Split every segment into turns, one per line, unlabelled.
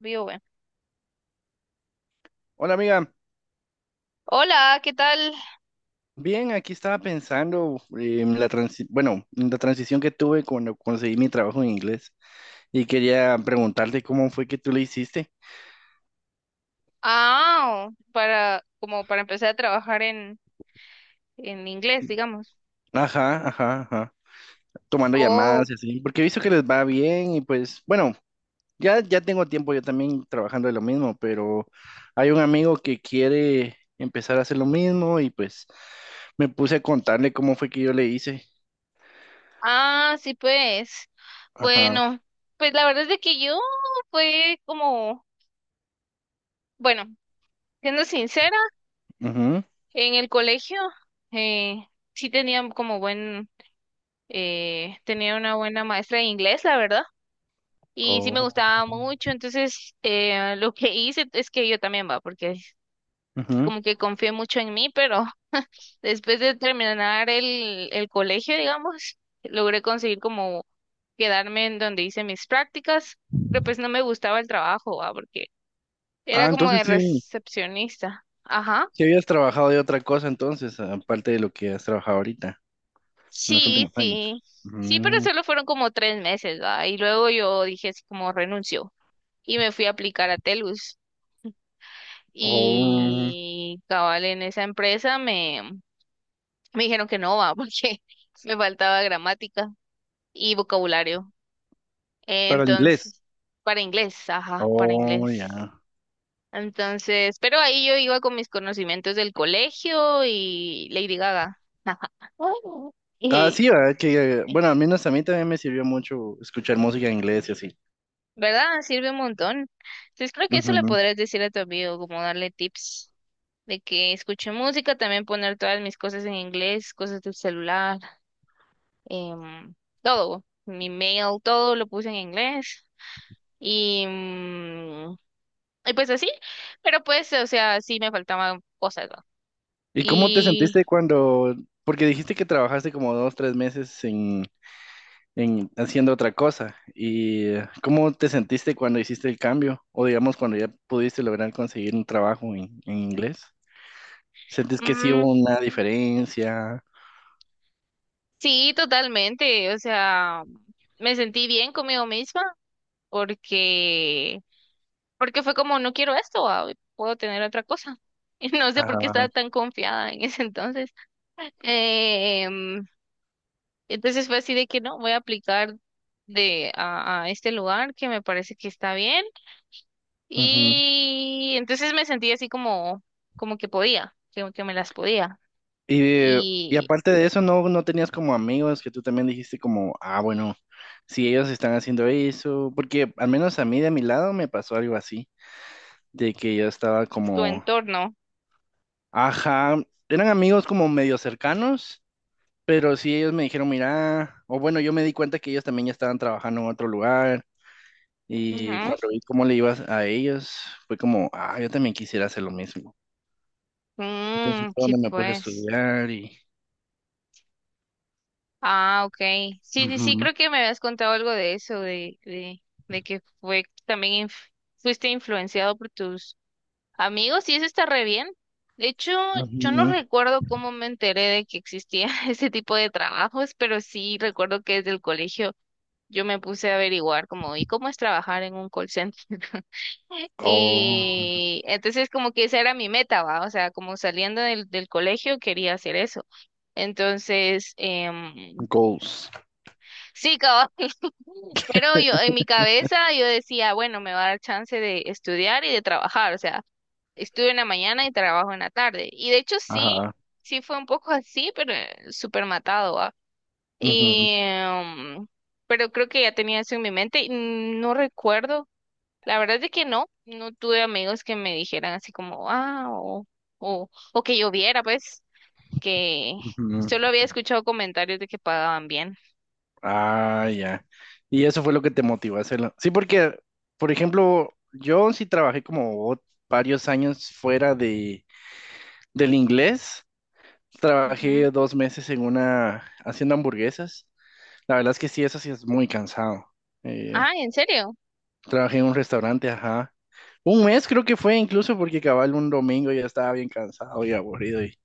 Vivo, bueno.
Hola amiga,
Hola, ¿qué tal?
bien, aquí estaba pensando bueno, en la transición que tuve cuando conseguí mi trabajo en inglés y quería preguntarte cómo fue que tú le hiciste.
Ah, para, como para empezar a trabajar en inglés, digamos.
Ajá, ajá, ajá. Tomando
Oh.
llamadas y así, porque he visto que les va bien y pues, bueno, ya tengo tiempo yo también trabajando de lo mismo, pero hay un amigo que quiere empezar a hacer lo mismo y pues me puse a contarle cómo fue que yo le hice.
Ah, sí, pues.
Ajá.
Bueno, pues la verdad es de que yo fue como, bueno, siendo sincera,
Mhm.
en el colegio eh, sí tenía una buena maestra de inglés, la verdad, y sí me
Oh.
gustaba mucho. Entonces, lo que hice es que yo también va, porque
Ujú.
como que confié mucho en mí. Pero después de terminar el colegio, digamos, logré conseguir como quedarme en donde hice mis prácticas, pero pues no me gustaba el trabajo, ah, porque
Ah,
era como
entonces
de
sí.
recepcionista. Ajá.
¿Qué habías trabajado de otra cosa entonces, aparte de lo que has trabajado ahorita, en los
Sí,
últimos años?
sí. Sí, pero
Mm.
solo fueron como 3 meses, ¿va? Y luego yo dije así como renuncio y me fui a aplicar a Telus.
Oh,
Y cabal en esa empresa me dijeron que no, va, porque me faltaba gramática y vocabulario.
para el inglés.
Entonces, para inglés, ajá, para
Oh,
inglés.
ya.
Entonces, pero ahí yo iba con mis conocimientos del colegio y Lady Gaga.
Ah,
Y,
sí, ¿verdad? Que, bueno, al menos a mí también me sirvió mucho escuchar música en inglés y así.
¿verdad? Sirve un montón. Entonces, creo que eso le
Ujú.
podrías decir a tu amigo, como darle tips de que escuche música, también poner todas mis cosas en inglés, cosas del celular, em, todo, mi mail, todo lo puse en inglés. Y mm, Y pues así, pero pues, o sea, sí me faltaban cosas, ¿no?
¿Y cómo te
Y
sentiste cuando, porque dijiste que trabajaste como 2, 3 meses en haciendo otra cosa, y cómo te sentiste cuando hiciste el cambio, o digamos cuando ya pudiste lograr conseguir un trabajo en inglés? ¿Sentís que sí
mm,
hubo una diferencia?
sí, totalmente, o sea, me sentí bien conmigo misma porque, porque, fue como, no quiero esto, ah, puedo tener otra cosa. Y no sé por qué estaba
Ajá.
tan confiada en ese entonces. Em, entonces fue así de que no, voy a aplicar a este lugar que me parece que está bien.
Ujú.
Y entonces me sentí así como que podía, que me las podía.
Y
Y
aparte de eso, ¿no, no tenías como amigos que tú también dijiste como, ah, bueno, si ellos están haciendo eso, porque al menos a mí de mi lado me pasó algo así, de que yo estaba
tu
como,
entorno.
ajá, eran amigos como medio cercanos, pero sí ellos me dijeron, mira, o bueno, yo me di cuenta que ellos también ya estaban trabajando en otro lugar y
Ujú.
cuando vi cómo le ibas a ellos, fue como, ah, yo también quisiera hacer lo mismo. Entonces
Mm,
fue
sí,
donde me puse a
pues.
estudiar y...
Ah, ok. Sí, sí, sí,
Ujú,
creo que me habías contado algo de eso, de que fue también fuiste influenciado por tus amigos, y eso está re bien. De hecho, yo
ujú.
no recuerdo cómo me enteré de que existía ese tipo de trabajos, pero sí recuerdo que desde el colegio yo me puse a averiguar como, ¿y cómo es trabajar en un call center?
Oh,
Y entonces como que esa era mi meta, ¿va? O sea, como saliendo del colegio quería hacer eso. Entonces,
goals.
sí, cabal, pero yo en mi cabeza yo decía, bueno, me va a dar chance de estudiar y de trabajar, o sea, estudio en la mañana y trabajo en la tarde. Y de hecho sí,
Ajá.
sí fue un poco así, pero súper matado, ¿va?
Ujú,
Y, em, pero creo que ya tenía eso en mi mente, y no recuerdo. La verdad es que no tuve amigos que me dijeran así como, ah, o, que yo viera, pues, que
ujú.
solo había escuchado comentarios de que pagaban bien.
Ah, ya. Y eso fue lo que te motivó a hacerlo. Sí, porque, por ejemplo, yo sí trabajé como varios años fuera del inglés.
Ujú.
Trabajé 2 meses en una, haciendo hamburguesas. La verdad es que sí, eso sí es muy cansado. Eh,
Ah, ¿en serio?
Trabajé en un restaurante, ajá. Un mes creo que fue incluso porque cabal un domingo ya estaba bien cansado y aburrido y,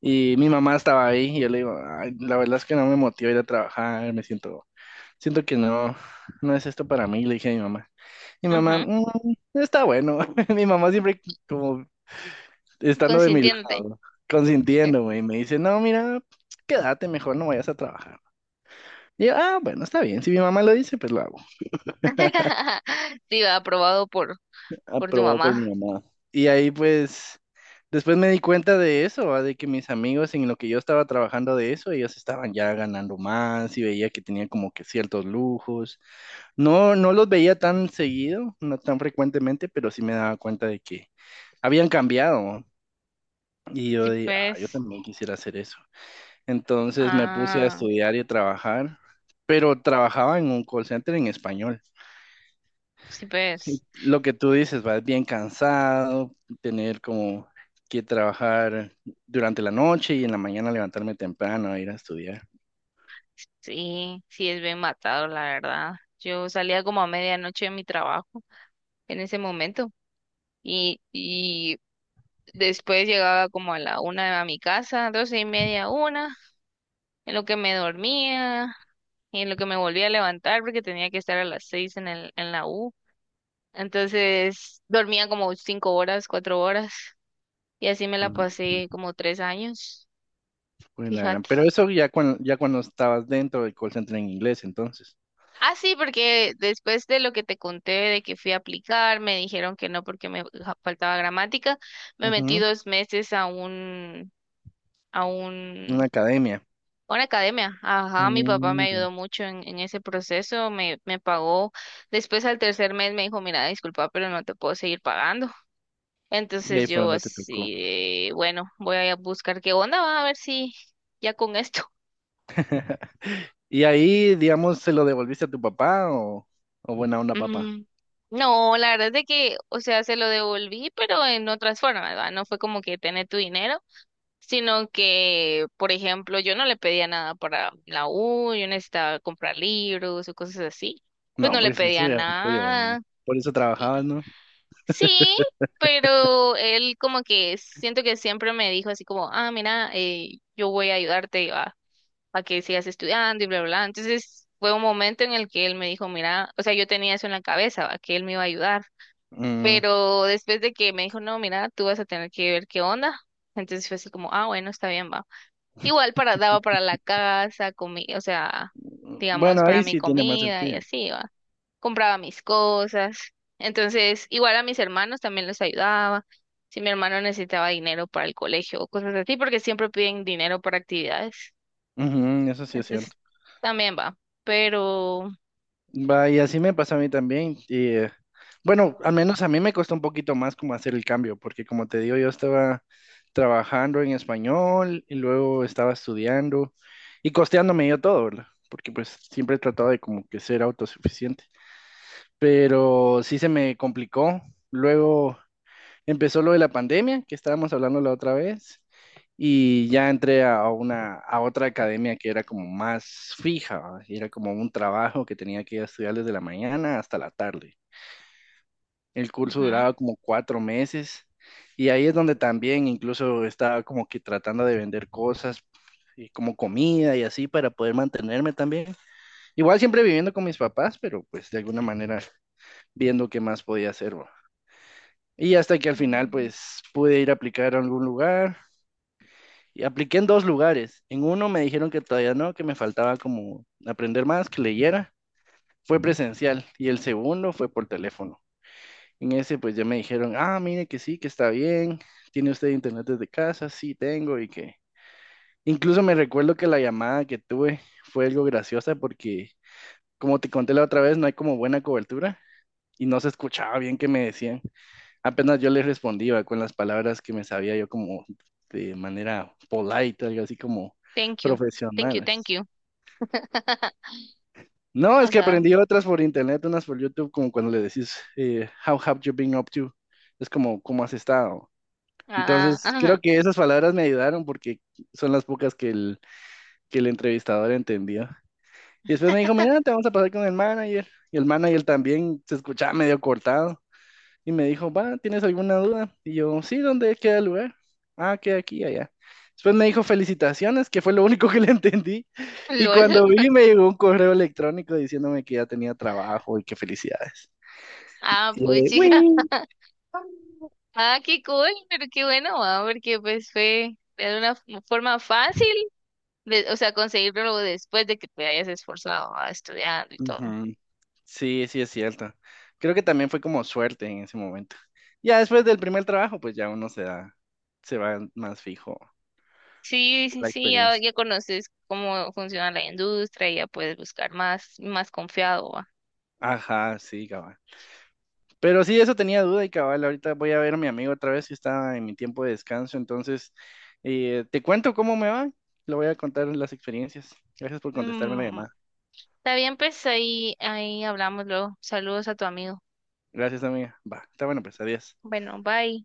y mi mamá estaba ahí y yo le digo, "Ay, la verdad es que no me motiva ir a trabajar, siento que no, no es esto para mí", le dije a mi mamá. Mi mamá,
Ujú.
"Mm, está bueno", mi mamá siempre como estando de mi
Consintiéndote.
lado, ¿no? Consintiéndome y me dice, no, mira, quédate mejor, no vayas a trabajar. Y yo, ah, bueno, está bien, si mi mamá lo dice, pues lo hago.
Sí, va, aprobado por tu
Aprobado por mi
mamá.
mamá. Y ahí pues después me di cuenta de eso, ¿va? De que mis amigos en lo que yo estaba trabajando de eso, ellos estaban ya ganando más y veía que tenían como que ciertos lujos. No, no los veía tan seguido, no tan frecuentemente, pero sí me daba cuenta de que habían cambiado. Y yo
Sí,
dije, ah, yo
pues,
también quisiera hacer eso. Entonces me puse a
ah,
estudiar y a trabajar, pero trabajaba en un call center en español.
sí, pues,
Lo que tú dices, vas bien cansado, tener como que trabajar durante la noche y en la mañana levantarme temprano a ir a estudiar.
sí, sí es bien matado, la verdad. Yo salía como a medianoche de mi trabajo en ese momento. Y, Después llegaba como a la una a mi casa, 12:30, una, en lo que me dormía y en lo que me volvía a levantar porque tenía que estar a las 6 en la U. Entonces dormía como 5 horas, 4 horas, y así me la
Mm,
pasé como 3 años,
pues la
fíjate.
Pero eso ya cuando, estabas dentro del call center en inglés, entonces.
Ah, sí, porque después de lo que te conté de que fui a aplicar, me dijeron que no porque faltaba gramática, me metí
Ujú.
2 meses a
Una
un
academia.
Una academia, ajá. Mi papá me
Mm, ya.
ayudó mucho en ese proceso, me pagó. Después al tercer mes me dijo, mira, disculpa, pero no te puedo seguir pagando.
Y
Entonces
ahí fue
yo
donde te tocó.
así, de, bueno, voy a buscar qué onda, va a ver si ya con esto.
Y ahí, digamos, se lo devolviste a tu papá o buena onda, papá.
Ujú. No, la verdad es de que, o sea, se lo devolví, pero en otras formas, ¿verdad? No fue como que tener tu dinero, sino que, por ejemplo, yo no le pedía nada para la U, yo necesitaba comprar libros o cosas así, pues
No,
no le
pues eso
pedía
ya es tuyo, ¿no?
nada.
Por eso trabajabas,
Y-
¿no?
sí, pero él como que siento que siempre me dijo así como, ah, mira, yo voy a ayudarte a que sigas estudiando y bla, bla, bla. Entonces fue un momento en el que él me dijo, mira, o sea, yo tenía eso en la cabeza, ¿va? Que él me iba a ayudar.
Mm,
Pero después de que me dijo, no, mira, tú vas a tener que ver qué onda. Entonces fue así como, ah, bueno, está bien, va. Igual para, daba para la casa, comida, o sea,
bueno,
digamos, para
ahí
mi
sí tiene más
comida y
sentido.
así, ¿va? Compraba mis cosas. Entonces, igual a mis hermanos también les ayudaba. Si mi hermano necesitaba dinero para el colegio o cosas así, porque siempre piden dinero para actividades.
Ujú, eso sí es
Entonces,
cierto.
también va. Pero,
Va, y así me pasa a mí también. Y bueno, al menos a mí me costó un poquito más como hacer el cambio, porque como te digo, yo estaba trabajando en español y luego estaba estudiando y costeándome yo todo, ¿verdad? Porque pues siempre he tratado de como que ser autosuficiente. Pero sí se me complicó. Luego empezó lo de la pandemia, que estábamos hablando la otra vez, y ya entré a una, a otra academia que era como más fija, ¿va? Era como un trabajo que tenía que estudiar desde la mañana hasta la tarde. El curso
ujú.
duraba como 4 meses, y ahí es donde también incluso estaba como que tratando de vender cosas, y como comida y así para poder mantenerme también. Igual siempre viviendo con mis papás, pero pues de alguna manera viendo qué más podía hacer, ¿va? Y hasta que al final,
Mm.
pues, pude ir a aplicar a algún lugar. Y apliqué en dos lugares. En uno me dijeron que todavía no, que me faltaba como aprender más, que leyera. Fue presencial. Y el segundo fue por teléfono. En ese pues ya me dijeron, ah, mire que sí, que está bien. ¿Tiene usted internet desde casa? Sí, tengo. Y que incluso me recuerdo que la llamada que tuve fue algo graciosa porque, como te conté la otra vez, no hay como buena cobertura y no se escuchaba bien que me decían. Apenas yo le respondía con las palabras que me sabía yo como de manera polite, algo así como
Thank you, thank you, thank
profesionales.
you.
No, es que
Ajá.
aprendí otras por internet, unas por YouTube, como cuando le decís, How have you been up to? Es como, ¿cómo has estado?
Ah,
Entonces, creo
ajá.
que esas palabras me ayudaron porque son las pocas que que el entrevistador entendió. Y después me dijo, mira, te vamos a pasar con el manager. Y el manager también se escuchaba medio cortado. Y me dijo, va, ¿tienes alguna duda? Y yo, sí, ¿dónde queda el lugar? Ah, queda aquí, allá. Después me dijo, felicitaciones, que fue lo único que le entendí. Y
LOL.
cuando vi, me llegó un correo electrónico diciéndome que ya tenía trabajo y que felicidades.
Ah,
Y yo
pues
de,
chica.
"Uy".
Ah, qué cool, pero qué bueno, ah, porque pues fue de una forma fácil o sea, conseguirlo después de que te hayas esforzado ah, estudiando y todo.
Ujú. Sí, sí, es cierto. Creo que también fue como suerte en ese momento. Ya después del primer trabajo, pues ya uno se da, se va más fijo
Sí,
por
sí,
la
sí, ya,
experiencia.
ya conoces cómo funciona la industria y ya puedes buscar más, más confiado, va.
Ajá, sí, cabal. Pero sí, eso tenía duda y cabal, ahorita voy a ver a mi amigo otra vez que está en mi tiempo de descanso, entonces te cuento cómo me va, le voy a contar las experiencias. Gracias por contestarme la
Mm,
llamada.
está bien, pues ahí hablamos luego. Saludos a tu amigo.
Gracias, amiga. Va, está bueno, pues adiós.
Bueno, bye.